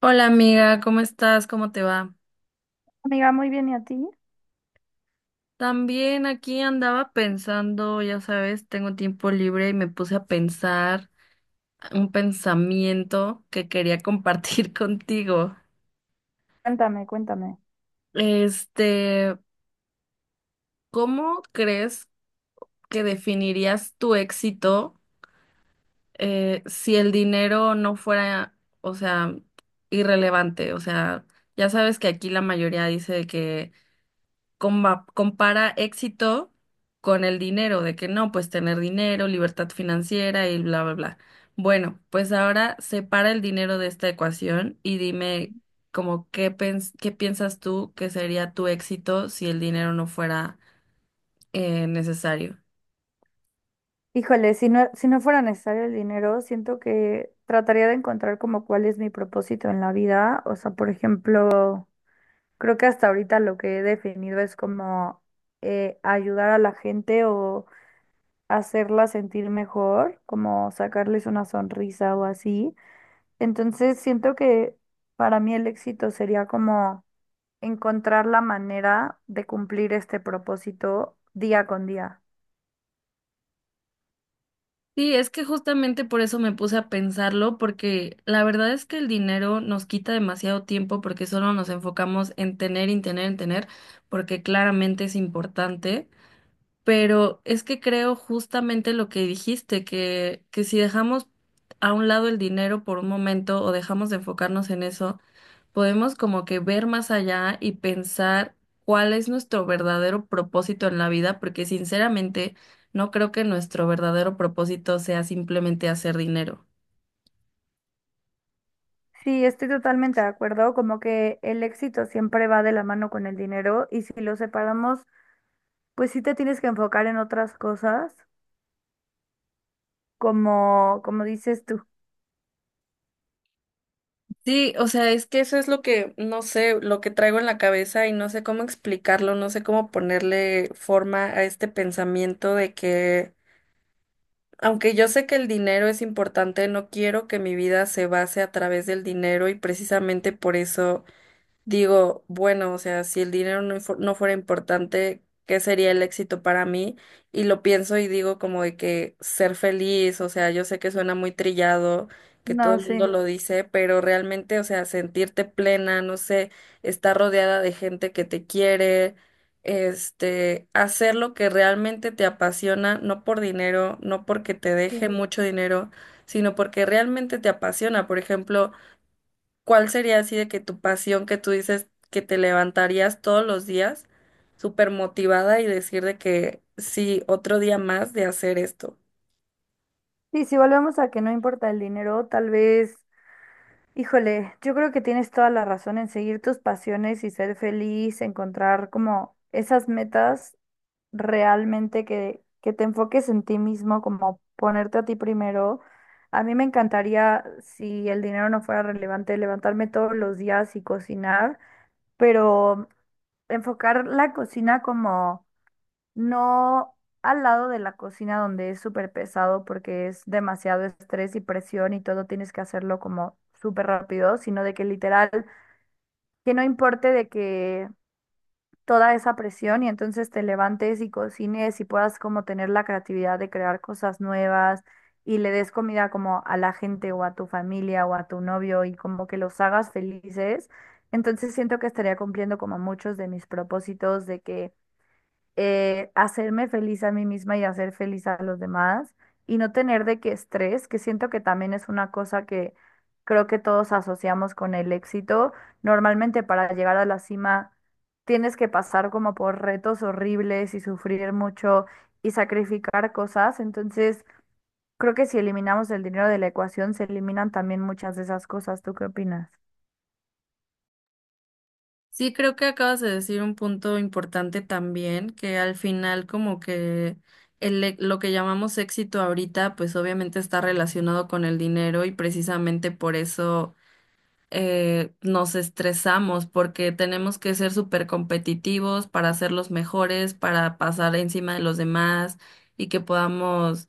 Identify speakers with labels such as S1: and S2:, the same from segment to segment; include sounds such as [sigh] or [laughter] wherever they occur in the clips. S1: Hola amiga, ¿cómo estás? ¿Cómo te va?
S2: Amiga, muy bien, ¿y a ti?
S1: También aquí andaba pensando, ya sabes, tengo tiempo libre y me puse a pensar un pensamiento que quería compartir [laughs] contigo.
S2: Cuéntame, cuéntame.
S1: Este, ¿cómo crees que definirías tu éxito si el dinero no fuera, o sea, irrelevante? O sea, ya sabes que aquí la mayoría dice que compara éxito con el dinero, de que no, pues tener dinero, libertad financiera y bla, bla, bla. Bueno, pues ahora separa el dinero de esta ecuación y dime como qué piensas tú que sería tu éxito si el dinero no fuera necesario.
S2: Híjole, si no fuera necesario el dinero, siento que trataría de encontrar como cuál es mi propósito en la vida. O sea, por ejemplo, creo que hasta ahorita lo que he definido es como ayudar a la gente o hacerla sentir mejor, como sacarles una sonrisa o así. Entonces, siento que para mí el éxito sería como encontrar la manera de cumplir este propósito día con día.
S1: Sí, es que justamente por eso me puse a pensarlo, porque la verdad es que el dinero nos quita demasiado tiempo porque solo nos enfocamos en tener, en tener, en tener, porque claramente es importante. Pero es que creo justamente lo que dijiste, que si dejamos a un lado el dinero por un momento o dejamos de enfocarnos en eso, podemos como que ver más allá y pensar cuál es nuestro verdadero propósito en la vida, porque sinceramente no creo que nuestro verdadero propósito sea simplemente hacer dinero.
S2: Sí, estoy totalmente de acuerdo, como que el éxito siempre va de la mano con el dinero y si lo separamos, pues sí te tienes que enfocar en otras cosas, como dices tú.
S1: Sí, o sea, es que eso es lo que, no sé, lo que traigo en la cabeza y no sé cómo explicarlo, no sé cómo ponerle forma a este pensamiento de que aunque yo sé que el dinero es importante, no quiero que mi vida se base a través del dinero y precisamente por eso digo, bueno, o sea, si el dinero no fuera importante, ¿qué sería el éxito para mí? Y lo pienso y digo como de que ser feliz, o sea, yo sé que suena muy trillado, que todo
S2: No,
S1: el mundo
S2: sí.
S1: lo dice, pero realmente, o sea, sentirte plena, no sé, estar rodeada de gente que te quiere, este, hacer lo que realmente te apasiona, no por dinero, no porque te
S2: Sí,
S1: deje mucho dinero, sino porque realmente te apasiona. Por ejemplo, ¿cuál sería así de que tu pasión que tú dices que te levantarías todos los días súper motivada y decir de que sí, otro día más de hacer esto?
S2: Sí, si volvemos a que no importa el dinero, tal vez. Híjole, yo creo que tienes toda la razón en seguir tus pasiones y ser feliz, encontrar como esas metas realmente que te enfoques en ti mismo, como ponerte a ti primero. A mí me encantaría, si el dinero no fuera relevante, levantarme todos los días y cocinar, pero enfocar la cocina como no, al lado de la cocina donde es súper pesado porque es demasiado estrés y presión y todo tienes que hacerlo como súper rápido, sino de que literal, que no importe de que toda esa presión, y entonces te levantes y cocines y puedas como tener la creatividad de crear cosas nuevas y le des comida como a la gente o a tu familia o a tu novio y como que los hagas felices. Entonces siento que estaría cumpliendo como muchos de mis propósitos de que hacerme feliz a mí misma y hacer feliz a los demás y no tener de qué estrés, que siento que también es una cosa que creo que todos asociamos con el éxito. Normalmente para llegar a la cima tienes que pasar como por retos horribles y sufrir mucho y sacrificar cosas, entonces creo que si eliminamos el dinero de la ecuación se eliminan también muchas de esas cosas. ¿Tú qué opinas?
S1: Sí, creo que acabas de decir un punto importante también, que al final como que lo que llamamos éxito ahorita, pues obviamente está relacionado con el dinero y precisamente por eso nos estresamos porque tenemos que ser súper competitivos para ser los mejores, para pasar encima de los demás y que podamos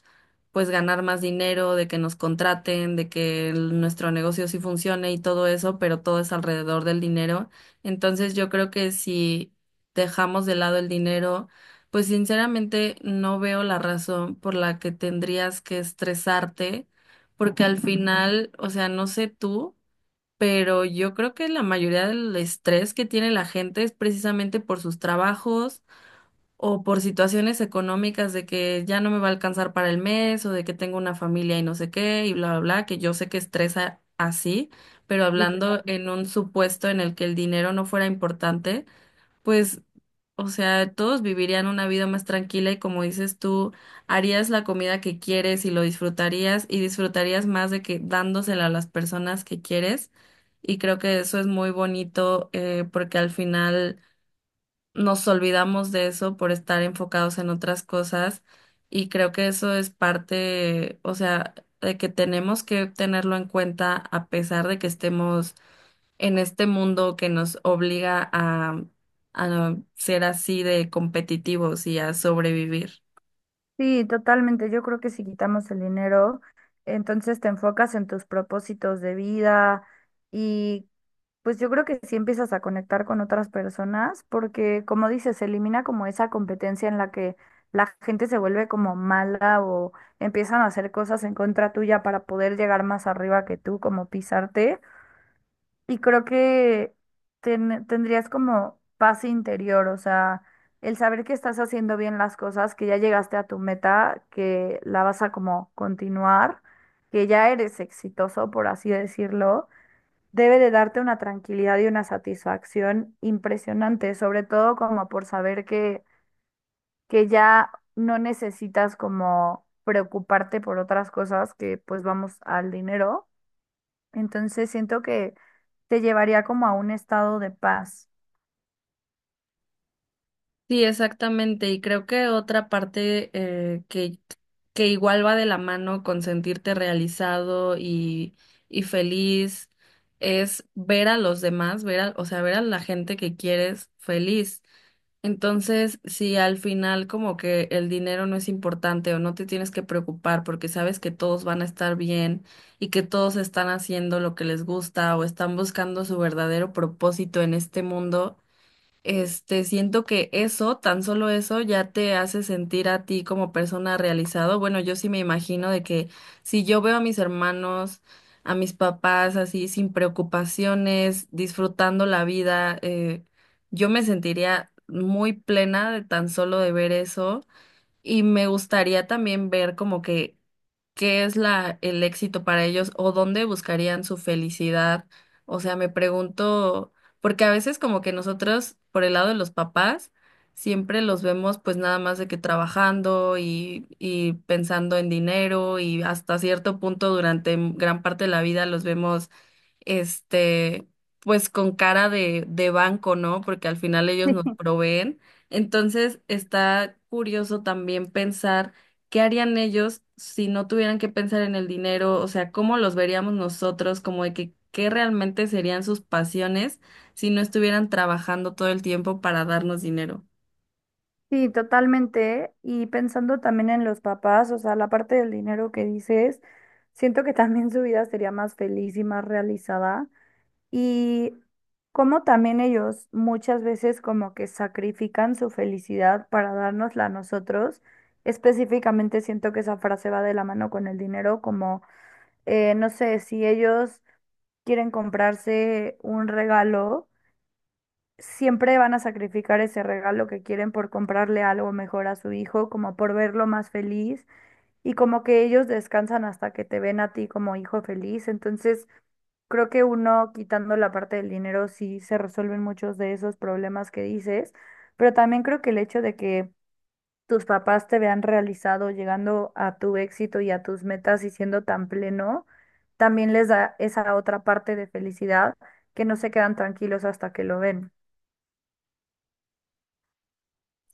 S1: pues ganar más dinero, de que nos contraten, de que nuestro negocio sí funcione y todo eso, pero todo es alrededor del dinero. Entonces yo creo que si dejamos de lado el dinero, pues sinceramente no veo la razón por la que tendrías que estresarte, porque al [laughs] final, o sea, no sé tú pero yo creo que la mayoría del estrés que tiene la gente es precisamente por sus trabajos o por situaciones económicas de que ya no me va a alcanzar para el mes o de que tengo una familia y no sé qué y bla, bla, bla, que yo sé que estresa así, pero hablando en un supuesto en el que el dinero no fuera importante, pues o sea, todos vivirían una vida más tranquila y como dices tú, harías la comida que quieres y lo disfrutarías y disfrutarías más de que dándosela a las personas que quieres. Y creo que eso es muy bonito porque al final nos olvidamos de eso por estar enfocados en otras cosas y creo que eso es parte, o sea, de que tenemos que tenerlo en cuenta a pesar de que estemos en este mundo que nos obliga a ser así de competitivos y a sobrevivir.
S2: Sí, totalmente. Yo creo que si quitamos el dinero, entonces te enfocas en tus propósitos de vida y pues yo creo que sí empiezas a conectar con otras personas porque como dices, se elimina como esa competencia en la que la gente se vuelve como mala o empiezan a hacer cosas en contra tuya para poder llegar más arriba que tú, como pisarte. Y creo que tendrías como paz interior, o sea, el saber que estás haciendo bien las cosas, que ya llegaste a tu meta, que la vas a como continuar, que ya eres exitoso, por así decirlo, debe de darte una tranquilidad y una satisfacción impresionante, sobre todo como por saber que ya no necesitas como preocuparte por otras cosas que pues vamos al dinero, entonces siento que te llevaría como a un estado de paz.
S1: Sí, exactamente. Y creo que otra parte que igual va de la mano con sentirte realizado y feliz es ver a los demás, ver a, o sea, ver a la gente que quieres feliz. Entonces, si al final como que el dinero no es importante o no te tienes que preocupar porque sabes que todos van a estar bien y que todos están haciendo lo que les gusta o están buscando su verdadero propósito en este mundo este, siento que eso, tan solo eso, ya te hace sentir a ti como persona realizado. Bueno, yo sí me imagino de que si yo veo a mis hermanos, a mis papás así sin preocupaciones, disfrutando la vida, yo me sentiría muy plena de tan solo de ver eso. Y me gustaría también ver como que qué es la, el éxito para ellos o dónde buscarían su felicidad. O sea, me pregunto, porque a veces como que nosotros, por el lado de los papás, siempre los vemos pues nada más de que trabajando y pensando en dinero y hasta cierto punto durante gran parte de la vida los vemos este, pues con cara de banco, ¿no? Porque al final ellos nos
S2: [laughs]
S1: proveen. Entonces está curioso también pensar ¿qué harían ellos si no tuvieran que pensar en el dinero? O sea, ¿cómo los veríamos nosotros? Como de que, ¿qué realmente serían sus pasiones si no estuvieran trabajando todo el tiempo para darnos dinero?
S2: Sí, totalmente. Y pensando también en los papás, o sea, la parte del dinero que dices, siento que también su vida sería más feliz y más realizada. Y como también ellos muchas veces como que sacrifican su felicidad para dárnosla a nosotros. Específicamente siento que esa frase va de la mano con el dinero, como, no sé, si ellos quieren comprarse un regalo siempre van a sacrificar ese regalo que quieren por comprarle algo mejor a su hijo, como por verlo más feliz y como que ellos descansan hasta que te ven a ti como hijo feliz. Entonces, creo que uno quitando la parte del dinero sí se resuelven muchos de esos problemas que dices, pero también creo que el hecho de que tus papás te vean realizado llegando a tu éxito y a tus metas y siendo tan pleno, también les da esa otra parte de felicidad, que no se quedan tranquilos hasta que lo ven.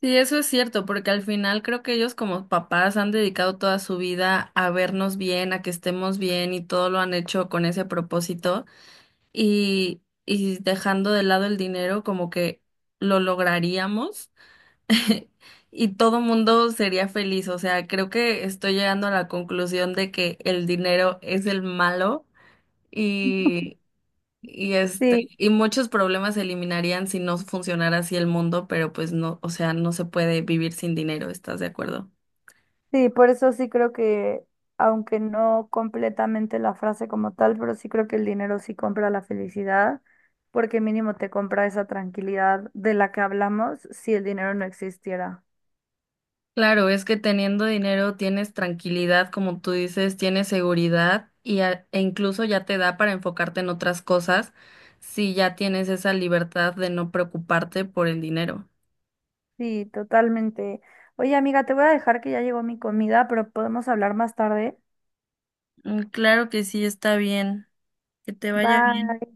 S1: Sí, eso es cierto, porque al final creo que ellos como papás han dedicado toda su vida a vernos bien, a que estemos bien y todo lo han hecho con ese propósito y dejando de lado el dinero como que lo lograríamos. [laughs] Y todo mundo sería feliz. O sea, creo que estoy llegando a la conclusión de que el dinero es el malo y, y este, y muchos problemas se eliminarían si no funcionara así el mundo, pero pues no, o sea, no se puede vivir sin dinero, ¿estás de acuerdo?
S2: Sí, por eso sí creo aunque no completamente la frase como tal, pero sí creo que el dinero sí compra la felicidad, porque mínimo te compra esa tranquilidad de la que hablamos si el dinero no existiera.
S1: Claro, es que teniendo dinero tienes tranquilidad, como tú dices, tienes seguridad y e incluso ya te da para enfocarte en otras cosas si ya tienes esa libertad de no preocuparte por el dinero.
S2: Sí, totalmente. Oye, amiga, te voy a dejar que ya llegó mi comida, pero podemos hablar más tarde.
S1: Mm, claro que sí, está bien. Que te vaya bien.
S2: Bye.